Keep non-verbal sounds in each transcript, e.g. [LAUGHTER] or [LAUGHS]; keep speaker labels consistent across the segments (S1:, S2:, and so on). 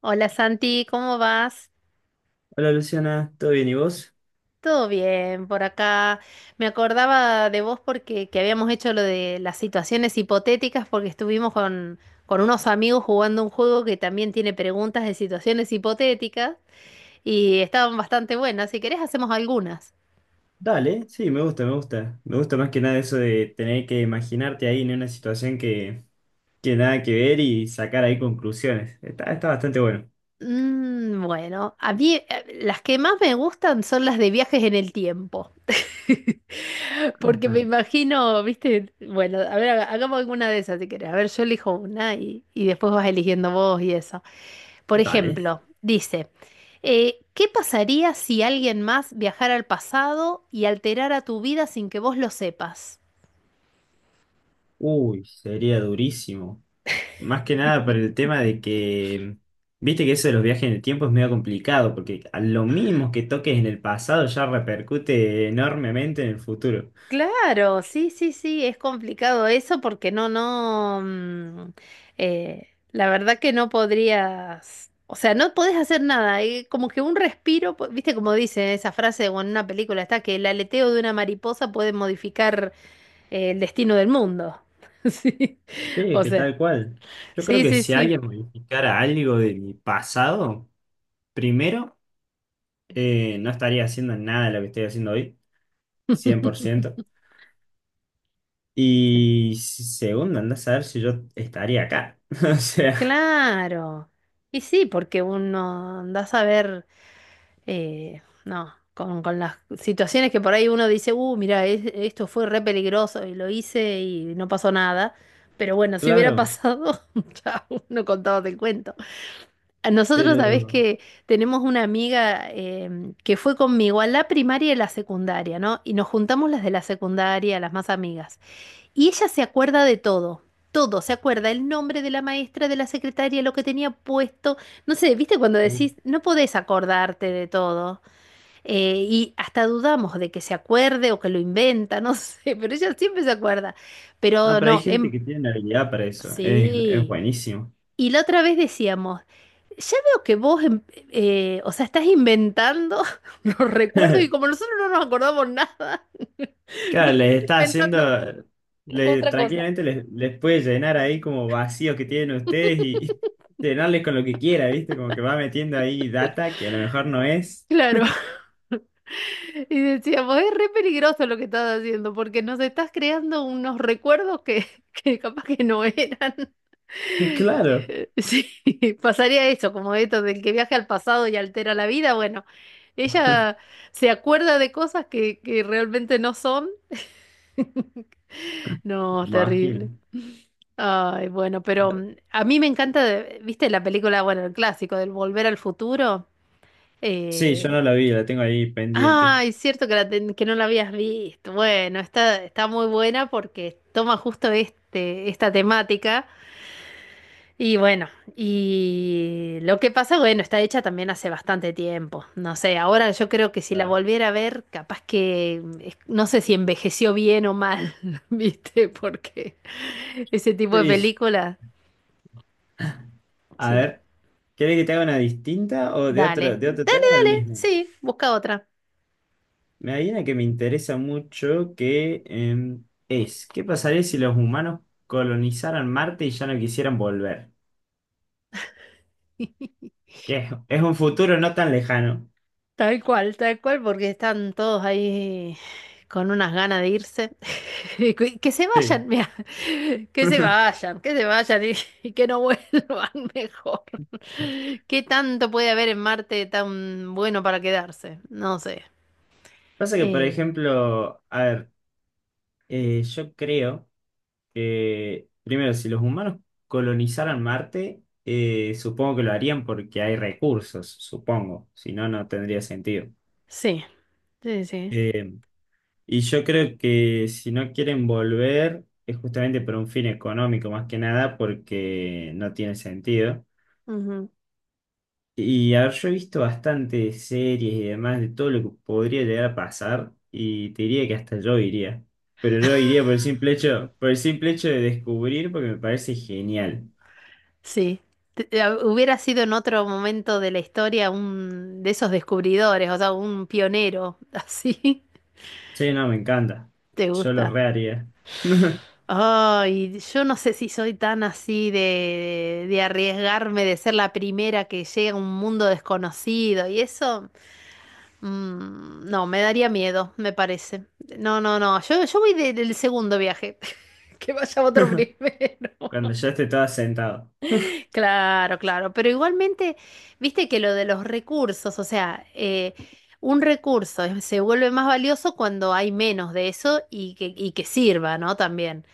S1: Hola Santi, ¿cómo vas?
S2: Hola Luciana, ¿todo bien y vos?
S1: Todo bien por acá. Me acordaba de vos porque que habíamos hecho lo de las situaciones hipotéticas porque estuvimos con unos amigos jugando un juego que también tiene preguntas de situaciones hipotéticas y estaban bastante buenas. Si querés hacemos algunas.
S2: Dale, sí, me gusta, me gusta. Me gusta más que nada eso de tener que imaginarte ahí en una situación que tiene nada que ver y sacar ahí conclusiones. Está bastante bueno.
S1: Bueno, a mí las que más me gustan son las de viajes en el tiempo. [LAUGHS]
S2: Ah,
S1: Porque me
S2: está.
S1: imagino, viste, bueno, a ver, hagamos alguna de esas si querés. A ver, yo elijo una y después vas eligiendo vos y eso. Por
S2: Dale.
S1: ejemplo, dice, ¿qué pasaría si alguien más viajara al pasado y alterara tu vida sin que vos lo sepas?
S2: Uy, sería durísimo. Más que nada por el tema de que, viste que eso de los viajes en el tiempo es medio complicado, porque a lo mismo que toques en el pasado ya repercute enormemente en el futuro.
S1: Claro, sí, sí, sí, es complicado eso porque no, no, la verdad que no podrías, o sea, no podés hacer nada, como que un respiro, viste como dice esa frase o en una película está que el aleteo de una mariposa puede modificar el destino del mundo. [LAUGHS] Sí,
S2: Sí,
S1: o
S2: que
S1: sea,
S2: tal cual. Yo creo
S1: sí,
S2: que
S1: sí,
S2: si
S1: sí.
S2: alguien modificara algo de mi pasado... Primero, no estaría haciendo nada de lo que estoy haciendo hoy, cien por
S1: [LAUGHS]
S2: ciento
S1: Sí.
S2: Y segundo, andás a ver si yo estaría acá. [LAUGHS] O sea,
S1: Claro. Y sí, porque uno anda a ver. No, con las situaciones que por ahí uno dice, mira, esto fue re peligroso y lo hice y no pasó nada. Pero bueno, si hubiera
S2: claro,
S1: pasado, [LAUGHS] ya uno contaba el cuento. A nosotros, sabés
S2: pero...
S1: que tenemos una amiga que fue conmigo a la primaria y la secundaria, ¿no? Y nos juntamos las de la secundaria, las más amigas. Y ella se acuerda de todo. Todo, se acuerda el nombre de la maestra, de la secretaria, lo que tenía puesto. No sé, ¿viste cuando
S2: uf.
S1: decís, no podés acordarte de todo? Y hasta dudamos de que se acuerde o que lo inventa, no [LAUGHS] sé, pero ella siempre se acuerda.
S2: No,
S1: Pero
S2: pero hay
S1: no,
S2: gente que tiene habilidad para eso. Es
S1: sí.
S2: buenísimo.
S1: Y la otra vez decíamos, ya veo que vos, o sea, estás inventando [LAUGHS] los recuerdos y como
S2: [LAUGHS]
S1: nosotros no nos acordamos nada, [LAUGHS]
S2: Claro,
S1: nos
S2: les
S1: estás
S2: está haciendo...
S1: inventando otra cosa.
S2: tranquilamente les puede llenar ahí como vacíos que tienen ustedes y [LAUGHS] y llenarles con lo que quiera, ¿viste? Como que va metiendo ahí data que a lo mejor no es.
S1: Claro. [LAUGHS] Y decíamos, es re peligroso lo que estás haciendo porque nos estás creando unos recuerdos [LAUGHS] que capaz que no eran.
S2: [LAUGHS] Claro,
S1: Sí, [LAUGHS] pasaría eso, como esto del que viaja al pasado y altera la vida. Bueno, ella se acuerda de cosas que realmente no son. [LAUGHS] No, terrible.
S2: imagino.
S1: Ay, bueno, pero a mí me encanta, ¿viste la película, bueno, el clásico del Volver al Futuro?
S2: Sí, yo
S1: Eh,
S2: no la vi, la tengo ahí pendiente.
S1: ah, es cierto que, que no la habías visto. Bueno, está muy buena porque toma justo esta temática. Y bueno, y lo que pasa, bueno, está hecha también hace bastante tiempo. No sé, ahora yo creo que si la
S2: Ah.
S1: volviera a ver, capaz que no sé si envejeció bien o mal, [LAUGHS] ¿viste? Porque ese tipo de
S2: Sí,
S1: película,
S2: a
S1: sí.
S2: ver, ¿querés que te haga una distinta o de otro,
S1: Dale,
S2: de otro tema o del
S1: dale,
S2: mismo?
S1: sí, busca otra.
S2: Me hay una que me interesa mucho que es, ¿qué pasaría si los humanos colonizaran Marte y ya no quisieran volver?
S1: [LAUGHS]
S2: Que es un futuro no tan lejano.
S1: Tal cual, porque están todos ahí con unas ganas de irse. [LAUGHS] Que se
S2: Sí.
S1: vayan, mira, [LAUGHS] que se vayan y, [LAUGHS] y que no vuelvan [LAUGHS] mejor. ¿Qué tanto puede haber en Marte tan bueno para quedarse? No sé.
S2: Pasa que, por
S1: Eh,
S2: ejemplo, a ver, yo creo... que, primero, si los humanos colonizaran Marte, supongo que lo harían porque hay recursos, supongo, si no, no tendría sentido.
S1: sí, sí, sí.
S2: Eh, y yo creo que si no quieren volver, es justamente por un fin económico más que nada, porque no tiene sentido.
S1: Ujú.
S2: Y a ver, yo he visto bastantes series y demás de todo lo que podría llegar a pasar, y te diría que hasta yo iría. Pero yo iría por el simple hecho, por el simple hecho de descubrir, porque me parece genial.
S1: Sí. Hubiera sido en otro momento de la historia un de esos descubridores, o sea, un pionero. [LAUGHS] Así,
S2: Sí, no, me encanta.
S1: ¿te
S2: Yo lo
S1: gusta?
S2: reharía. [LAUGHS]
S1: Ay, yo no sé si soy tan así de arriesgarme, de ser la primera que llega a un mundo desconocido y eso, no, me daría miedo, me parece. No, no, no, yo voy del segundo viaje, [LAUGHS] que vaya otro primero.
S2: Cuando
S1: [LAUGHS]
S2: ya esté todo sentado.
S1: Claro, claro, pero igualmente, viste que lo de los recursos, o sea, un recurso se vuelve más valioso cuando hay menos de eso y que sirva, ¿no? También.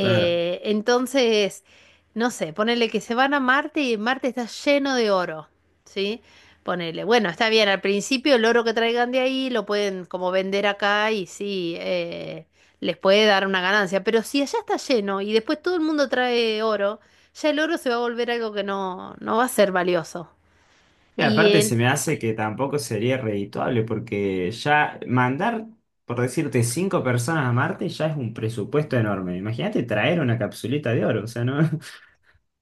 S2: Claro.
S1: entonces, no sé, ponele que se van a Marte y Marte está lleno de oro, ¿sí? Ponele, bueno, está bien, al principio el oro que traigan de ahí lo pueden como vender acá y sí, les puede dar una ganancia, pero si allá está lleno y después todo el mundo trae oro, ya el oro se va a volver algo que no va a ser valioso.
S2: Y
S1: Y
S2: aparte se me hace que tampoco sería redituable porque ya mandar, por decirte, cinco personas a Marte ya es un presupuesto enorme. Imagínate traer una capsulita de oro, o sea, ¿no? [LAUGHS]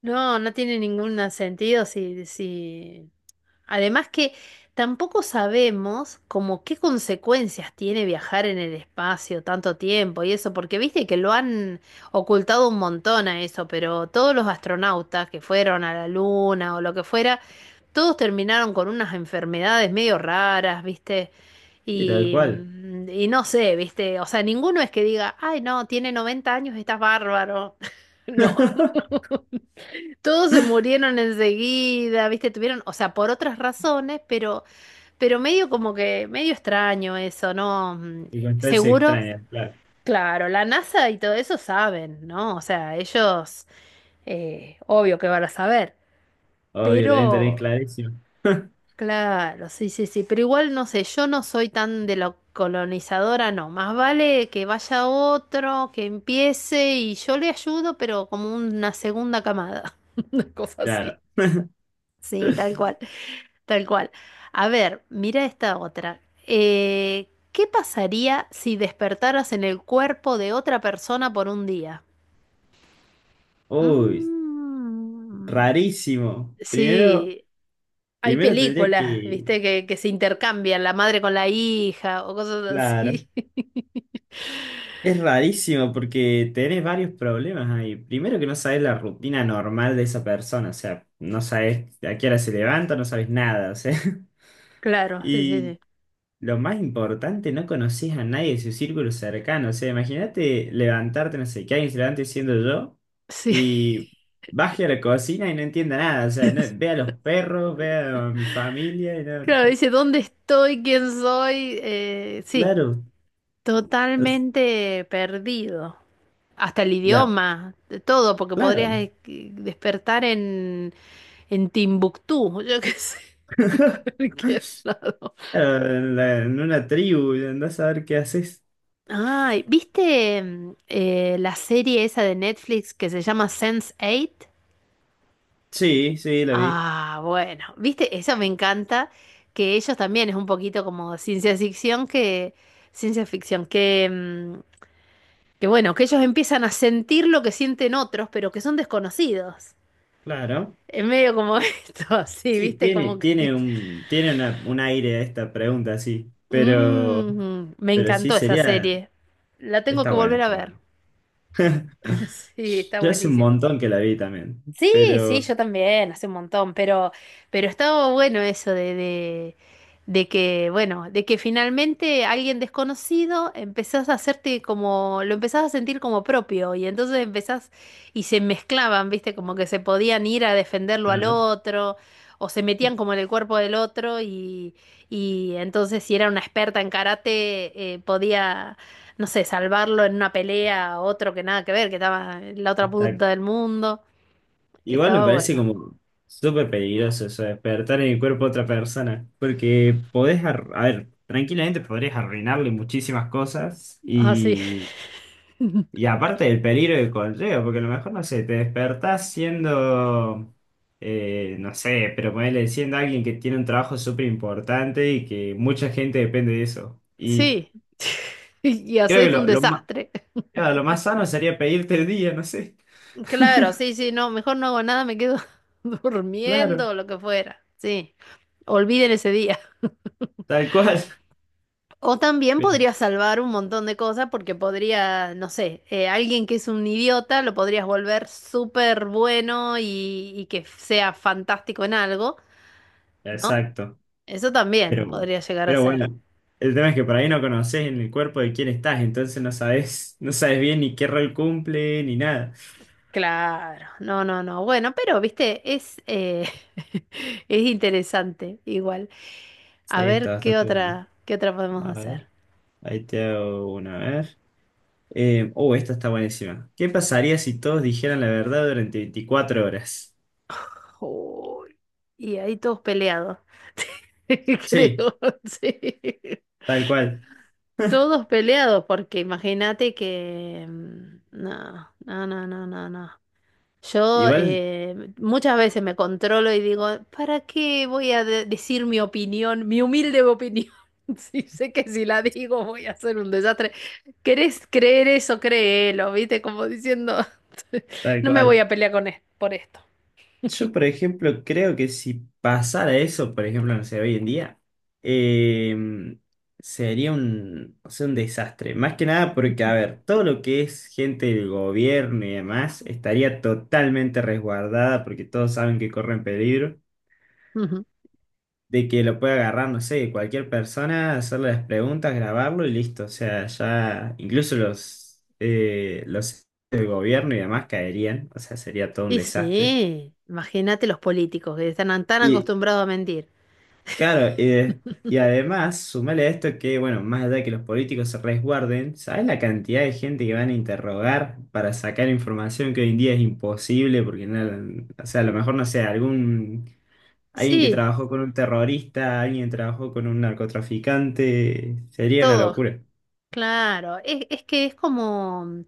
S1: no, no tiene ningún sentido si. Además que tampoco sabemos como qué consecuencias tiene viajar en el espacio tanto tiempo y eso, porque viste que lo han ocultado un montón a eso, pero todos los astronautas que fueron a la Luna o lo que fuera, todos terminaron con unas enfermedades medio raras, viste,
S2: Y tal
S1: y,
S2: cual.
S1: mm, y no sé, viste, o sea, ninguno es que diga, ay no, tiene 90 años, estás bárbaro. [LAUGHS] No.
S2: [LAUGHS]
S1: Todos se murieron enseguida, ¿viste? Tuvieron, o sea, por otras razones, pero medio como que, medio extraño eso, ¿no?
S2: Y circunstancias
S1: Seguro,
S2: extrañas, claro.
S1: claro, la NASA y todo eso saben, ¿no? O sea, ellos, obvio que van a saber,
S2: Obvio, lo deben tener
S1: pero,
S2: clarísimo. [LAUGHS]
S1: claro, sí, sí, sí, pero igual no sé, yo no soy tan de lo colonizadora, no, más vale que vaya otro, que empiece y yo le ayudo, pero como una segunda camada, [LAUGHS] una cosa
S2: Claro.
S1: así. Sí, tal cual. Tal cual. A ver, mira esta otra. ¿Qué pasaría si despertaras en el cuerpo de otra persona por un día?
S2: Uy,
S1: Mm,
S2: rarísimo. Primero,
S1: sí, hay
S2: primero tendría
S1: películas,
S2: que...
S1: viste, que se intercambian la madre con la hija o cosas
S2: Claro.
S1: así. [LAUGHS]
S2: Es rarísimo porque tenés varios problemas ahí. Primero que no sabes la rutina normal de esa persona, o sea, no sabes a qué hora se levanta, no sabes nada, o sea. [LAUGHS]
S1: Claro, sí,
S2: Y
S1: sí,
S2: lo más importante, no conocés a nadie de su círculo cercano, o sea, imagínate levantarte, no sé, que alguien se levante siendo yo
S1: sí. Sí.
S2: y baje a la cocina y no entienda nada, o sea, no, ve
S1: [LAUGHS]
S2: a los perros, ve a mi familia
S1: Claro, dice, ¿dónde estoy? ¿Quién soy? Sí,
S2: Claro, es-
S1: totalmente perdido. Hasta el
S2: ya,
S1: idioma, de todo, porque podrías
S2: claro.
S1: despertar en, Timbuktu, [LAUGHS] yo qué sé, [LAUGHS] en
S2: [LAUGHS]
S1: cualquier lado.
S2: Claro, en una tribu, y andás a ver qué haces.
S1: Ay, ¿viste la serie esa de Netflix que se llama Sense8?
S2: Sí, sí, la vi.
S1: Ah, bueno, ¿viste? Eso me encanta, que ellos también es un poquito como ciencia ficción, que bueno, que ellos empiezan a sentir lo que sienten otros, pero que son desconocidos.
S2: Claro.
S1: Es medio como [LAUGHS] esto, así,
S2: Sí,
S1: viste,
S2: tiene,
S1: como
S2: tiene
S1: que.
S2: un aire a esta pregunta, sí. Pero,
S1: Me
S2: pero sí
S1: encantó esa
S2: sería.
S1: serie. La tengo
S2: Está
S1: que
S2: buena,
S1: volver a
S2: está
S1: ver.
S2: buena.
S1: [LAUGHS]
S2: [LAUGHS]
S1: Sí, está
S2: Yo hace un
S1: buenísima.
S2: montón que la vi también.
S1: Sí, sí,
S2: Pero,
S1: yo también, hace un montón, pero estaba bueno eso de que, bueno, de que finalmente alguien desconocido empezás a hacerte como, lo empezás a sentir como propio, y entonces empezás, y se mezclaban, viste, como que se podían ir a defenderlo al
S2: claro,
S1: otro, o se metían como en el cuerpo del otro, y entonces si era una experta en karate, podía no sé, salvarlo en una pelea a otro que nada que ver, que estaba en la otra
S2: exacto.
S1: punta del mundo.
S2: Igual me
S1: Estaba
S2: parece
S1: bueno.
S2: como súper peligroso eso, de despertar en el cuerpo de otra persona. Porque podés, a ver, tranquilamente podrías arruinarle muchísimas cosas.
S1: Así, [LAUGHS] sí.
S2: Y
S1: [LAUGHS]
S2: aparte del peligro que conlleva, porque a lo mejor, no sé, te despertás siendo, no sé, pero ponele siendo alguien que tiene un trabajo súper importante y que mucha gente depende de eso. Y
S1: Sí. Y
S2: creo que
S1: haces un
S2: lo, lo más,
S1: desastre.
S2: lo más sano sería pedirte el día, no sé.
S1: Claro, sí, sí, no, mejor no hago nada, me quedo [LAUGHS] durmiendo
S2: Claro,
S1: o lo que fuera. Sí. Olviden ese día.
S2: tal cual. [LAUGHS]
S1: O también
S2: Pero-
S1: podría salvar un montón de cosas porque podría, no sé, alguien que es un idiota lo podrías volver súper bueno y que sea fantástico en algo, ¿no?
S2: exacto.
S1: Eso también
S2: Pero,
S1: podría llegar a
S2: pero
S1: ser.
S2: bueno, el tema es que por ahí no conoces en el cuerpo de quién estás, entonces no sabes bien ni qué rol cumple ni nada.
S1: Claro, no, no, no. Bueno, pero, viste, [LAUGHS] es interesante igual.
S2: Sí,
S1: A
S2: está
S1: ver qué
S2: bastante bueno.
S1: otra, qué otra podemos hacer.
S2: Ahí te hago una vez. Oh, esta está buenísima. ¿Qué pasaría si todos dijeran la verdad durante 24 horas?
S1: Uy, y ahí todos peleados, [LAUGHS]
S2: Sí,
S1: creo, sí.
S2: tal cual.
S1: Todos peleados, porque imagínate que, mm, no, no, no, no, no, no. Yo
S2: Igual,
S1: muchas veces me controlo y digo, ¿para qué voy a decir mi opinión, mi humilde opinión? [LAUGHS] Si sé que si la digo voy a hacer un desastre. ¿Querés creer eso? Créelo, ¿viste? Como diciendo, [LAUGHS]
S2: tal
S1: no me voy
S2: cual.
S1: a pelear con por esto.
S2: Yo, por ejemplo, creo que si pasara eso, por ejemplo, no sé, hoy en día, eh, sería un, o sea, un desastre. Más que nada porque, a ver, todo lo que es gente del gobierno y demás estaría totalmente resguardada porque todos saben que corren peligro.
S1: Ujú.
S2: De que lo puede agarrar, no sé, cualquier persona, hacerle las preguntas, grabarlo y listo. O sea, ya incluso los del gobierno y demás caerían, o sea, sería todo un
S1: Y
S2: desastre.
S1: sí, imagínate los políticos que están tan
S2: Y
S1: acostumbrados a mentir.
S2: claro, y además, sumale a esto que, bueno, más allá de que los políticos se resguarden, ¿sabes la cantidad de gente que van a interrogar para sacar información que hoy en día es imposible? Porque, no, o sea, a lo mejor, no sé, algún. Alguien que
S1: Sí,
S2: trabajó con un terrorista, alguien que trabajó con un narcotraficante, sería una
S1: todos,
S2: locura.
S1: claro. Es que es como...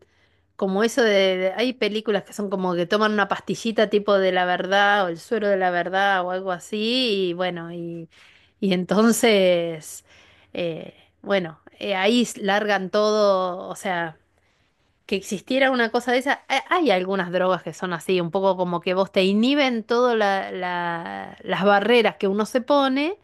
S1: como eso de, hay películas que son como que toman una pastillita tipo de la verdad o el suero de la verdad o algo así y bueno, y entonces, eh, bueno, ahí largan todo, o sea, que existiera una cosa de esa, hay algunas drogas que son así, un poco como que vos te inhiben todas las barreras que uno se pone.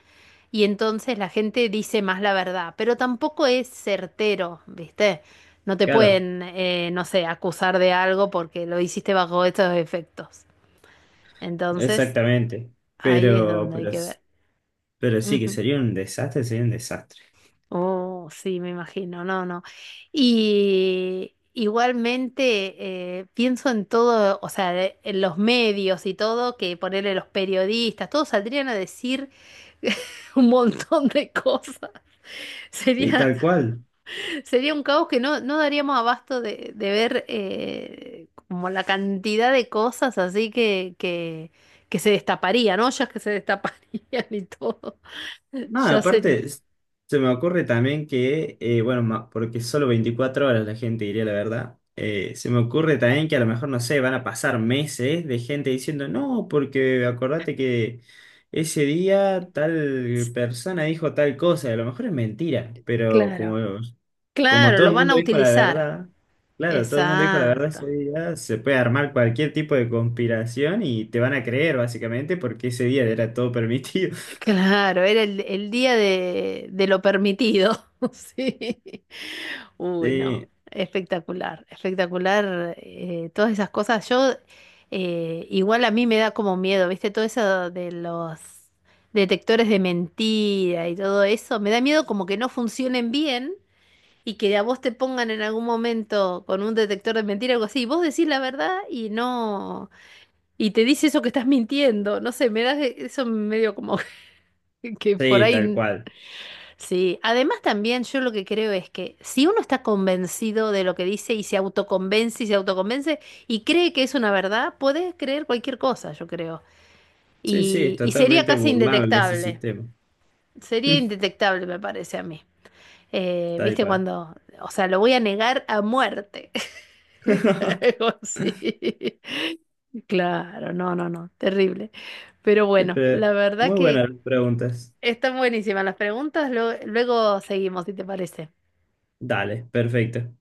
S1: Y entonces la gente dice más la verdad, pero tampoco es certero, ¿viste? No te
S2: Claro,
S1: pueden, no sé, acusar de algo porque lo hiciste bajo estos efectos. Entonces,
S2: exactamente.
S1: ahí es
S2: Pero,
S1: donde hay
S2: pero,
S1: que
S2: s-
S1: ver.
S2: pero sí, que
S1: Ujú.
S2: sería un desastre, sería un desastre.
S1: Oh, sí, me imagino, no, no. Y igualmente pienso en todo, o sea, en los medios y todo, que ponerle los periodistas, todos saldrían a decir [LAUGHS] un montón de cosas.
S2: Y
S1: Sería
S2: tal cual.
S1: sería un caos que no daríamos abasto de ver como la cantidad de cosas así que se destaparía, ¿no? Ya que se destaparían y todo. [LAUGHS]
S2: Nada,
S1: Ya sería.
S2: aparte, se me ocurre también que, bueno, porque solo 24 horas la gente diría la verdad, se me ocurre también que a lo mejor, no sé, van a pasar meses de gente diciendo, no, porque acordate que ese día tal persona dijo tal cosa, y a lo mejor es mentira, pero como,
S1: Claro.
S2: como
S1: Claro,
S2: todo
S1: lo
S2: el
S1: van
S2: mundo
S1: a
S2: dijo la
S1: utilizar.
S2: verdad, claro, todo el mundo dijo la verdad
S1: Exacto.
S2: ese día, se puede armar cualquier tipo de conspiración y te van a creer básicamente porque ese día era todo permitido. [LAUGHS]
S1: Claro, era el día de lo permitido. [LAUGHS] Sí. Uy, no.
S2: Sí.
S1: Espectacular, espectacular. Todas esas cosas. Yo, igual a mí me da como miedo, ¿viste? Todo eso de los detectores de mentira y todo eso. Me da miedo como que no funcionen bien y que a vos te pongan en algún momento con un detector de mentira o algo así. Y vos decís la verdad y no. Y te dice eso que estás mintiendo. No sé, me da eso medio como. [LAUGHS] Que por
S2: Sí, tal
S1: ahí,
S2: cual.
S1: sí. Además también yo lo que creo es que si uno está convencido de lo que dice y se autoconvence y se autoconvence y cree que es una verdad, puede creer cualquier cosa, yo creo.
S2: Sí, sí, es
S1: Y sería
S2: totalmente
S1: casi
S2: burlable ese
S1: indetectable.
S2: sistema.
S1: Sería
S2: [LAUGHS]
S1: indetectable, me parece a mí. Eh,
S2: Tal
S1: ¿viste
S2: cual.
S1: cuando, o sea, lo voy a negar a muerte? [LAUGHS]
S2: [LAUGHS]
S1: Algo así. Claro, no, no, no, terrible. Pero bueno,
S2: Pero
S1: la verdad
S2: muy
S1: que.
S2: buenas las preguntas.
S1: Están buenísimas las preguntas, luego seguimos, si te parece.
S2: Dale, perfecto.